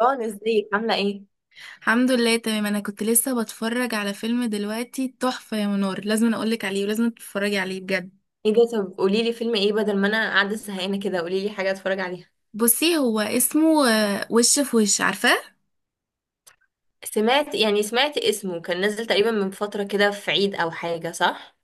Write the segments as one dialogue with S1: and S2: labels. S1: ران، ازيك عاملة ايه؟
S2: الحمد لله، تمام. انا كنت لسه بتفرج على فيلم دلوقتي تحفة يا منار، لازم أنا اقولك عليه ولازم تتفرجي عليه بجد.
S1: ايه ده؟ طب قولي لي فيلم ايه، بدل ما انا قاعدة زهقانة كده. قولي لي حاجة اتفرج عليها.
S2: بصي، هو اسمه وش في وش. عارفاه؟
S1: سمعت، يعني سمعت اسمه كان نازل تقريبا من فترة كده، في عيد او حاجة، صح؟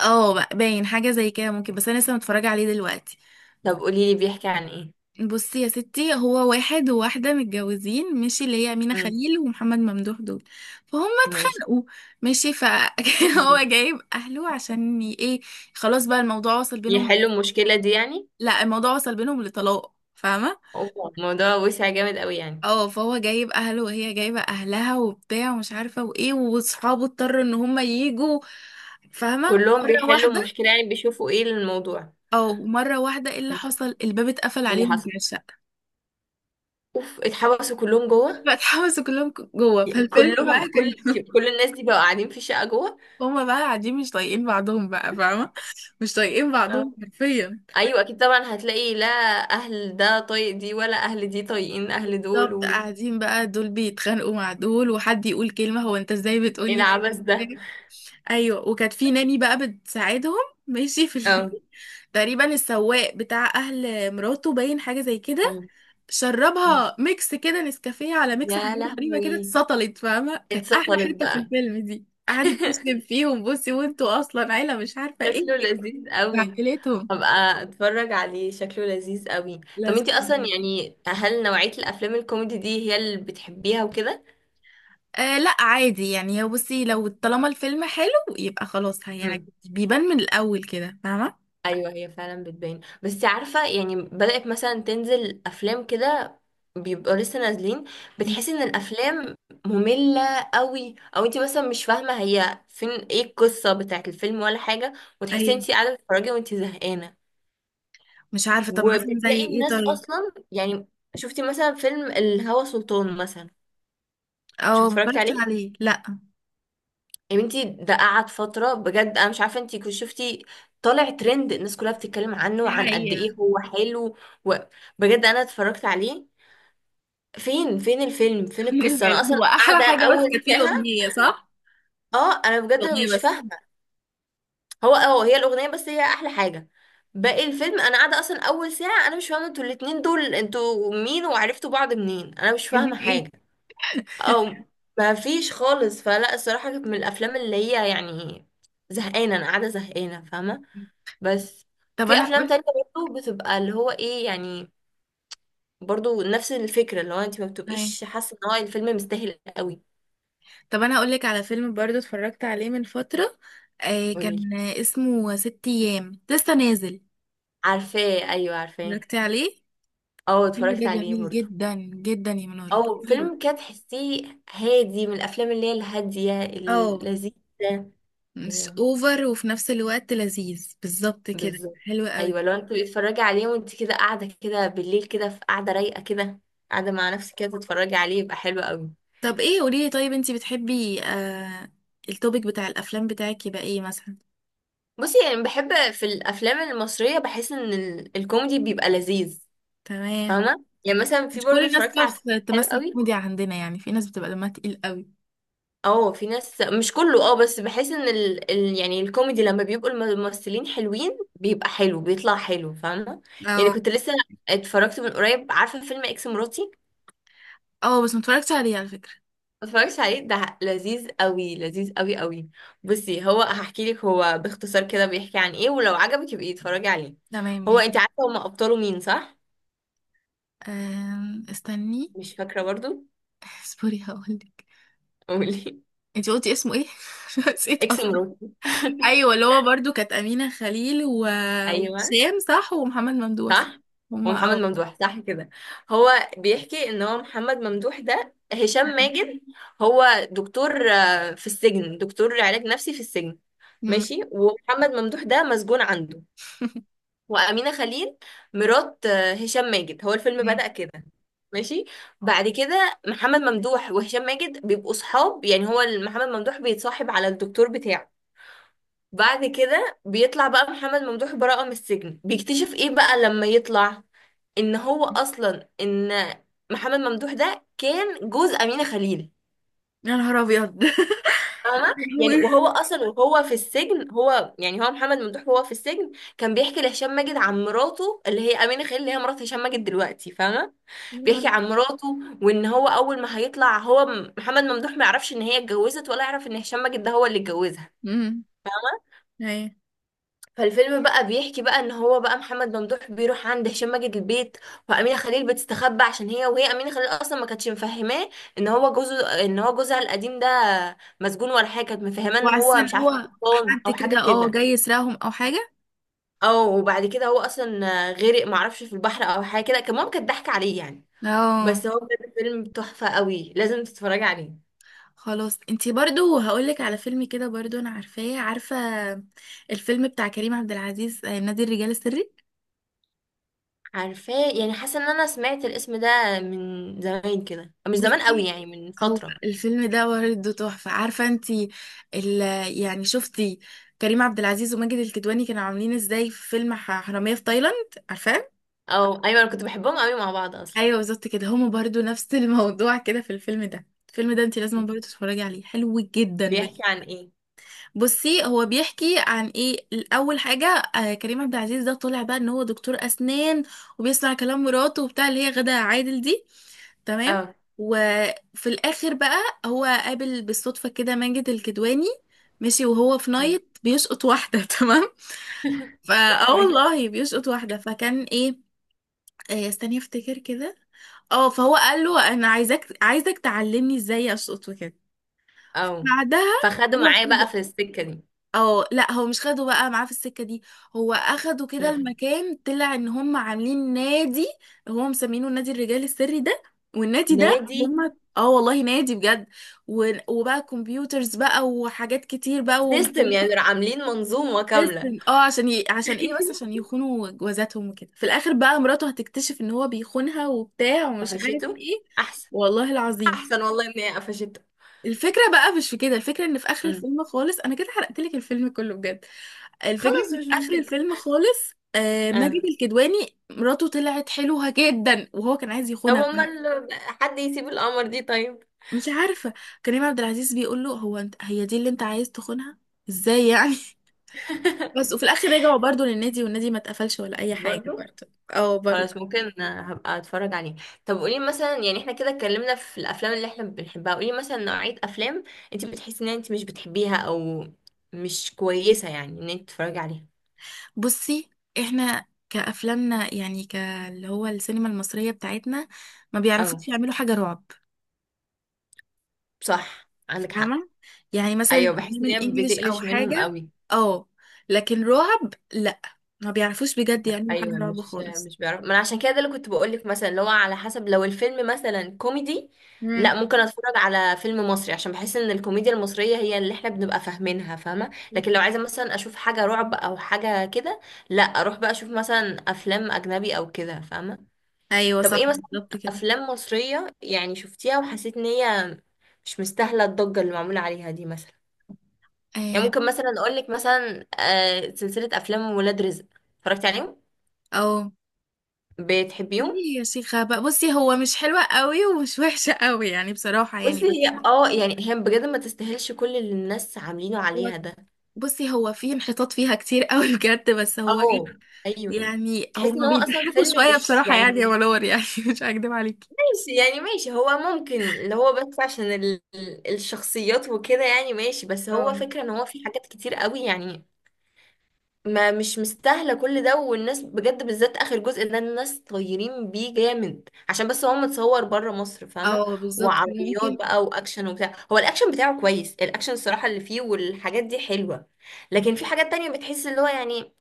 S2: اه، بقى باين حاجة زي كده ممكن، بس انا لسه متفرجة عليه دلوقتي.
S1: طب قولي لي بيحكي عن ايه؟
S2: بصي يا ستي، هو واحد وواحدة متجوزين، ماشي؟ اللي هي أمينة
S1: امم.
S2: خليل ومحمد ممدوح دول. فهم
S1: ماشي.
S2: اتخانقوا، ماشي. فهو جايب اهله عشان ايه. خلاص بقى، الموضوع وصل بينهم.
S1: يحلوا المشكلة دي يعني؟
S2: لا، الموضوع وصل بينهم لطلاق، فاهمة؟
S1: اوبا، الموضوع وسع جامد قوي يعني.
S2: اه، فهو جايب اهله وهي جايبه اهلها وبتاع ومش عارفه وايه، واصحابه اضطروا ان هم يجوا. فاهمه؟
S1: كلهم
S2: مره
S1: بيحلوا
S2: واحده.
S1: المشكلة يعني، بيشوفوا ايه الموضوع.
S2: او مره واحده، ايه اللي
S1: ماشي.
S2: حصل؟ الباب اتقفل
S1: ايه اللي
S2: عليهم
S1: حصل؟
S2: من الشقه.
S1: اوف، اتحبسوا كلهم جوه؟
S2: فاتحبسوا كلهم جوه، فالفيلم بقى
S1: كلهم.
S2: كان
S1: كل كل الناس دي بقوا قاعدين في الشقة جوه؟
S2: هما بقى قاعدين مش طايقين بعضهم بقى، فاهمه؟ مش طايقين بعضهم حرفيا.
S1: ايوه اكيد طبعا، هتلاقي لا اهل ده طايق دي ولا اهل دي طايقين اهل دول
S2: بالظبط،
S1: و...
S2: قاعدين بقى دول بيتخانقوا مع دول، وحد يقول كلمه، هو انت ازاي
S1: ايه
S2: بتقولي
S1: العبث ده؟
S2: كده. ايوه، وكانت في ناني بقى بتساعدهم. ماشي، في
S1: اه.
S2: تقريبا السواق بتاع اهل مراته باين حاجه زي كده.
S1: اه. مم.
S2: شربها ميكس كده، نسكافيه على ميكس، حاجات
S1: يا
S2: غريبه كده.
S1: لهوي،
S2: اتسطلت، فاهمه؟ كانت احلى
S1: اتسطلت
S2: حته في
S1: بقى.
S2: الفيلم دي. قعدت تشتم فيهم، بصي وانتوا اصلا عيله مش عارفه ايه
S1: شكله
S2: ايه.
S1: لذيذ قوي.
S2: عائلتهم.
S1: هبقى اتفرج عليه، شكله لذيذ قوي. طب
S2: لازم
S1: انتي اصلا
S2: تفهميهم.
S1: يعني، هل نوعية الافلام الكوميدي دي هي اللي بتحبيها وكده؟
S2: لا عادي يعني. هو بصي، لو طالما الفيلم حلو يبقى خلاص هيعجبك، بيبان من الاول كده، فاهمه؟
S1: ايوه هي فعلا بتبان، بس عارفه يعني، بدأت مثلا تنزل افلام كده، بيبقوا لسه نازلين، بتحسي ان الافلام ممله قوي، او انت مثلا مش فاهمه هي فين، ايه القصه بتاعت الفيلم ولا حاجه، وتحسي
S2: ايوه.
S1: انت قاعده بتتفرجي وانت زهقانه،
S2: مش عارفه، طب مثلا زي
S1: وبتلاقي
S2: ايه؟
S1: الناس
S2: طيب.
S1: اصلا يعني. شفتي مثلا فيلم الهوى سلطان مثلا؟ شو
S2: اه، ما
S1: اتفرجت
S2: اتفرجتش
S1: عليه؟
S2: عليه، لا.
S1: يا بنتي ده قعد فترة بجد، أنا مش عارفة انتي كنت شفتي. طالع ترند، الناس كلها بتتكلم عنه
S2: دي
S1: وعن قد
S2: حقيقة.
S1: ايه هو حلو، وبجد أنا اتفرجت عليه. فين الفيلم، فين
S2: خلي
S1: القصة؟ أنا
S2: بالك،
S1: أصلا
S2: هو أحلى
S1: قاعدة
S2: حاجة بس
S1: أول
S2: كانت فيه
S1: ساعة.
S2: الأغنية، صح؟
S1: اه أنا بجد
S2: الأغنية
S1: مش
S2: بس.
S1: فاهمة. هو اه هي الأغنية بس هي أحلى حاجة. باقي الفيلم أنا قاعدة أصلا أول ساعة، أنا مش فاهمة، انتوا الاتنين دول انتوا مين وعرفتوا بعض منين؟ أنا مش
S2: عايزين
S1: فاهمة
S2: ايه؟
S1: حاجة. أو ما فيش خالص، فلا الصراحة كانت من الأفلام اللي هي يعني، زهقانة. أنا قاعدة زهقانة، فاهمة؟ بس
S2: طب
S1: في
S2: انا
S1: افلام
S2: هقول
S1: تانية برضه بتبقى اللي هو ايه يعني، برضه نفس الفكرة، اللي هو انت ما
S2: لك
S1: بتبقيش حاسة ان هو الفيلم مستاهل قوي.
S2: طب انا هقول لك على فيلم برضو اتفرجت عليه من فترة.
S1: قوليلي.
S2: كان اسمه ست ايام، لسه نازل.
S1: عارفاه، ايوه عارفاه.
S2: اتفرجتي عليه؟
S1: اه
S2: الفيلم ده
S1: اتفرجت عليه
S2: جميل
S1: برضه.
S2: جدا جدا يا منور،
S1: او
S2: جميل.
S1: فيلم كده تحسيه هادي، من الافلام اللي هي الهادية
S2: اه،
S1: اللذيذة.
S2: مش
S1: ايوه،
S2: اوفر وفي نفس الوقت لذيذ، بالظبط كده،
S1: بالظبط.
S2: حلو قوي.
S1: ايوه لو انت بتتفرجي عليه وانت كده قاعدة كده بالليل كده، في قاعدة رايقة كده، قاعدة مع نفسك كده تتفرجي عليه، يبقى حلو قوي.
S2: طب ايه، قولي لي طيب. انتي بتحبي التوبيك بتاع الافلام بتاعك يبقى ايه مثلا؟
S1: بصي يعني بحب في الافلام المصريه، بحس ان الكوميدي بيبقى لذيذ.
S2: تمام.
S1: فاهمه؟ يعني مثلا في
S2: مش كل
S1: برضه
S2: الناس
S1: اتفرجت على
S2: بتعرف
S1: فيلم حلو
S2: تمثل
S1: قوي.
S2: كوميديا عندنا، يعني في ناس بتبقى دمها تقيل قوي.
S1: اه في ناس مش كله، بس بحس ان يعني الكوميدي لما بيبقوا الممثلين حلوين بيبقى حلو، بيطلع حلو، فاهمه؟ يعني
S2: اه.
S1: كنت لسه اتفرجت من قريب، عارفه فيلم اكس مراتي؟
S2: اه بس متفرجتش عليه على فكرة.
S1: ما اتفرجتش عليه، ده لذيذ قوي، لذيذ قوي قوي. بصي، هو هحكي لك هو باختصار كده بيحكي عن ايه، ولو عجبك يبقي اتفرجي عليه.
S2: تمام،
S1: هو
S2: ماشي.
S1: انت عارفه هما ابطاله مين، صح؟
S2: استني.
S1: مش فاكره برضو.
S2: اصبري هقولك.
S1: قولي.
S2: انتي قلتي اسمه ايه؟ نسيت
S1: اكس
S2: اصلا.
S1: مراتي.
S2: ايوه، اللي هو برضو كانت امينه خليل
S1: ايوه،
S2: وهشام، صح؟ ومحمد ممدوح، صح.
S1: صح،
S2: هما،
S1: ومحمد
S2: اه.
S1: ممدوح، صح كده. هو بيحكي ان هو محمد ممدوح ده، هشام ماجد هو دكتور، في السجن، دكتور علاج نفسي في السجن.
S2: مم.
S1: ماشي. ومحمد ممدوح ده مسجون عنده. وأمينة خليل مرات هشام ماجد. هو الفيلم
S2: تمام.
S1: بدأ كده. ماشي. بعد كده محمد ممدوح وهشام ماجد بيبقوا صحاب، يعني هو محمد ممدوح بيتصاحب على الدكتور بتاعه. بعد كده بيطلع بقى محمد ممدوح براءة من السجن، بيكتشف ايه بقى لما يطلع؟ ان هو اصلا، ان محمد ممدوح ده كان جوز أمينة خليل.
S2: يا نهار ابيض.
S1: فاهمة؟ يعني
S2: يا
S1: وهو اصلا وهو في السجن، هو يعني، هو محمد ممدوح وهو في السجن كان بيحكي لهشام ماجد عن مراته اللي هي أمينة خليل، اللي هي مرات هشام ماجد دلوقتي، فاهمة؟
S2: نهار
S1: بيحكي عن مراته، وان هو اول ما هيطلع، هو محمد ممدوح ما يعرفش ان هي اتجوزت، ولا يعرف ان هشام ماجد ده هو اللي اتجوزها.
S2: امم ايوه،
S1: فالفيلم بقى بيحكي بقى ان هو بقى محمد ممدوح بيروح عند هشام ماجد البيت، وامينه خليل بتستخبى عشان هي، وهي امينه خليل اصلا ما كانتش مفهماه ان هو جوزه، ان هو جوزها القديم ده مسجون ولا حاجه. كانت مفهماه ان هو مش
S2: وعشان
S1: عارفه،
S2: هو
S1: قبطان
S2: حد
S1: او حاجه
S2: كده
S1: كده،
S2: جاي يسرقهم او حاجه.
S1: او وبعد كده هو اصلا غرق معرفش في البحر او حاجه كده. كان ماما كانت ضحك عليه يعني.
S2: اه.
S1: بس هو بجد فيلم تحفه قوي، لازم تتفرجي عليه.
S2: خلاص، انتي برضو هقولك على فيلم كده برضو، انا عارفاه، عارفة الفيلم بتاع كريم عبد العزيز، نادي الرجال السري.
S1: عارفاه، يعني حاسه ان انا سمعت الاسم ده من زمان كده، مش زمان قوي
S2: بصي،
S1: يعني، من
S2: هو
S1: فتره.
S2: الفيلم ده برضه تحفة، عارفة انتي ال يعني، شفتي كريم عبد العزيز وماجد الكدواني كانوا عاملين ازاي في فيلم حرامية في تايلاند، عارفاه؟
S1: او ايوه، انا كنت بحبهم قوي مع بعض اصلا.
S2: ايوه بالظبط كده، هما برضه نفس الموضوع كده. في الفيلم ده انتي لازم برضه تتفرجي عليه، حلو جدا.
S1: بيحكي عن ايه؟
S2: بصي هو بيحكي عن ايه. اول حاجه، كريم عبد العزيز ده طلع بقى ان هو دكتور اسنان، وبيسمع كلام مراته وبتاع، اللي هي غادة عادل دي. تمام.
S1: اه.
S2: وفي الاخر بقى، هو قابل بالصدفه كده ماجد الكدواني. ماشي، وهو في نايت بيشقط واحده. تمام. فا اه والله بيشقط واحده، فكان ايه، استني افتكر كده. اه، فهو قال له انا عايزك تعلمني ازاي اشقط وكده.
S1: اه.
S2: بعدها،
S1: فخدوا
S2: هو
S1: معايا
S2: خده.
S1: بقى في السكه دي.
S2: اه، لا هو مش خده بقى معاه في السكة دي، هو اخده كده،
S1: لح-
S2: المكان طلع ان هم عاملين نادي. هو مسمينه نادي الرجال السري ده. والنادي ده
S1: نادي.
S2: هم اه والله نادي بجد، وبقى كمبيوترز بقى وحاجات كتير بقى
S1: سيستم يعني،
S2: وموبايلات.
S1: راح عاملين منظومه كامله.
S2: سيستم، عشان عشان ايه، بس عشان يخونوا جوازاتهم وكده. في الاخر بقى مراته هتكتشف ان هو بيخونها وبتاع ومش عارف
S1: قفشته،
S2: ايه.
S1: احسن.
S2: والله العظيم.
S1: احسن والله ان هي قفشته.
S2: الفكرة بقى مش في كده، الفكرة ان في اخر
S1: أمم.
S2: الفيلم خالص، انا كده حرقت لك الفيلم كله بجد. الفكرة
S1: خلاص
S2: ان
S1: مش
S2: في اخر
S1: مشكله.
S2: الفيلم خالص،
S1: اه.
S2: ماجد الكدواني مراته طلعت حلوة جدا، وهو كان عايز
S1: طب
S2: يخونها.
S1: امال، حد يسيب القمر دي طيب؟
S2: مش عارفة. كريم عبد العزيز بيقول له، هو انت هي دي اللي انت عايز تخونها؟ ازاي يعني؟ بس. وفي الاخر رجعوا برضو للنادي، والنادي ما اتقفلش ولا اي حاجة
S1: برضو.
S2: برضو. اه برضو.
S1: خلاص، ممكن هبقى اتفرج عليه. طب قولي مثلا يعني، احنا كده اتكلمنا في الافلام اللي احنا بنحبها، قولي مثلا نوعية افلام انت بتحسي ان انت مش بتحبيها، او مش كويسة يعني ان انت تتفرجي عليها.
S2: بصي، احنا كأفلامنا يعني، كاللي هو السينما المصرية بتاعتنا، ما
S1: او
S2: بيعرفوش يعملوا حاجة رعب،
S1: صح، عندك حق.
S2: فاهمة؟ يعني مثلا
S1: ايوه بحس
S2: الأفلام
S1: ان هي
S2: الإنجليش أو
S1: بتقلش منهم
S2: حاجة،
S1: قوي.
S2: اه. لكن رعب لأ، ما بيعرفوش بجد يعملوا حاجة
S1: ايوه،
S2: رعب
S1: مش
S2: خالص.
S1: مش بيعرف. ما انا عشان كده ده اللي كنت بقول لك، مثلا اللي هو على حسب، لو الفيلم مثلا كوميدي، لا
S2: مم.
S1: ممكن اتفرج على فيلم مصري، عشان بحس ان الكوميديا المصريه هي اللي احنا بنبقى فاهمينها، فاهمه؟ لكن لو عايزه مثلا اشوف حاجه رعب او حاجه كده، لا اروح بقى اشوف مثلا افلام اجنبي او كده، فاهمه؟
S2: أيوة
S1: طب ايه
S2: صح،
S1: مثلا
S2: بالظبط كده.
S1: افلام مصريه يعني شفتيها وحسيت ان هي مش مستاهله الضجه اللي معموله عليها دي مثلا؟ يعني
S2: آه،
S1: ممكن مثلا اقول لك مثلا سلسله افلام ولاد رزق. اتفرجتي عليهم؟
S2: اه
S1: بتحبيهم؟
S2: يعني، يا شيخة بقى، بصي هو مش حلوة قوي ومش وحشة قوي يعني، بصراحة يعني،
S1: بصي
S2: بس
S1: هي يعني هي بجد ما تستاهلش كل اللي الناس عاملينه
S2: هو
S1: عليها ده.
S2: بصي، هو في انحطاط فيها كتير قوي بجد، بس هو ايه،
S1: اه ايوه،
S2: يعني
S1: تحس ان
S2: هما
S1: هو اصلا
S2: بيضحكوا
S1: فيلم
S2: شوية
S1: مش
S2: بصراحة
S1: يعني
S2: يعني، يا
S1: مش
S2: ولور يعني، مش هكدب عليكي.
S1: ماشي يعني، ماشي هو ممكن اللي هو بس عشان الشخصيات وكده، يعني ماشي، بس
S2: اه.
S1: هو فكرة ان هو في حاجات كتير قوي يعني ما مش مستاهله كل ده. والناس بجد بالذات اخر جزء ده، الناس طايرين بيه جامد عشان بس هو متصور بره مصر، فاهمه؟
S2: اه بالظبط كده،
S1: وعربيات
S2: ممكن.
S1: بقى واكشن وبتاع، هو الاكشن بتاعه كويس، الاكشن الصراحه اللي فيه والحاجات دي حلوه، لكن في حاجات تانية بتحس اللي هو يعني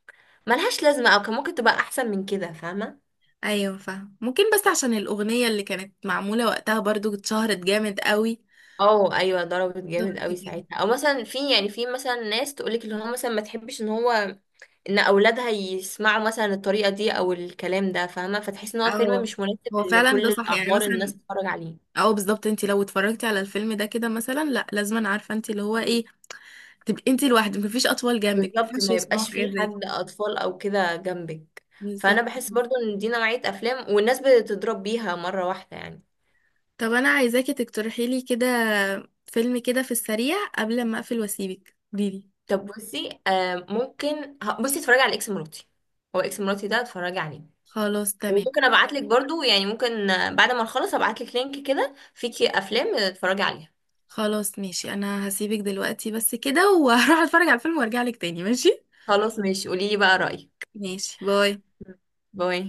S1: ملهاش لازمه، او كان ممكن تبقى احسن من كده، فاهمه؟
S2: ايوه فاهم، ممكن بس عشان الاغنيه اللي كانت معموله وقتها برضو اتشهرت جامد قوي.
S1: اه ايوه، ضربت
S2: بالظبط
S1: جامد قوي
S2: كده.
S1: ساعتها. او مثلا في يعني في مثلا ناس تقولك اللي هو مثلا ما تحبش ان هو ان اولادها يسمعوا مثلا الطريقه دي او الكلام ده، فاهمه؟ فتحس ان هو فيلم
S2: اه،
S1: مش مناسب
S2: هو فعلا ده
S1: لكل
S2: صح يعني،
S1: الاعمار الناس
S2: مثلا
S1: تتفرج عليه.
S2: اه بالظبط، انت لو اتفرجتي على الفيلم ده كده مثلا، لا لازما، عارفه انت اللي هو ايه، تبقي انت لوحدك، مفيش اطفال جنبك،
S1: بالظبط،
S2: مفيش
S1: ما
S2: يسمعوا
S1: يبقاش
S2: حاجات
S1: فيه
S2: زي
S1: حد
S2: كده.
S1: اطفال او كده جنبك. فانا
S2: بالظبط
S1: بحس
S2: كده.
S1: برضو ان دي نوعيه افلام والناس بتضرب بيها مره واحده يعني.
S2: طب انا عايزاكي تقترحي لي كده فيلم كده في السريع قبل ما اقفل واسيبك، قوليلي.
S1: طب بصي آه ممكن ه- بصي اتفرجي على اكس مراتي. هو اكس مراتي ده اتفرجي عليه.
S2: خلاص تمام.
S1: وممكن ابعت لك برضو يعني، ممكن بعد ما نخلص ابعت لك لينك كده فيكي افلام اتفرجي عليها.
S2: خلاص ماشي، انا هسيبك دلوقتي بس كده، وهروح اتفرج على الفيلم وارجع لك تاني، ماشي؟
S1: خلاص ماشي، قولي لي بقى رايك.
S2: ماشي، باي.
S1: باي.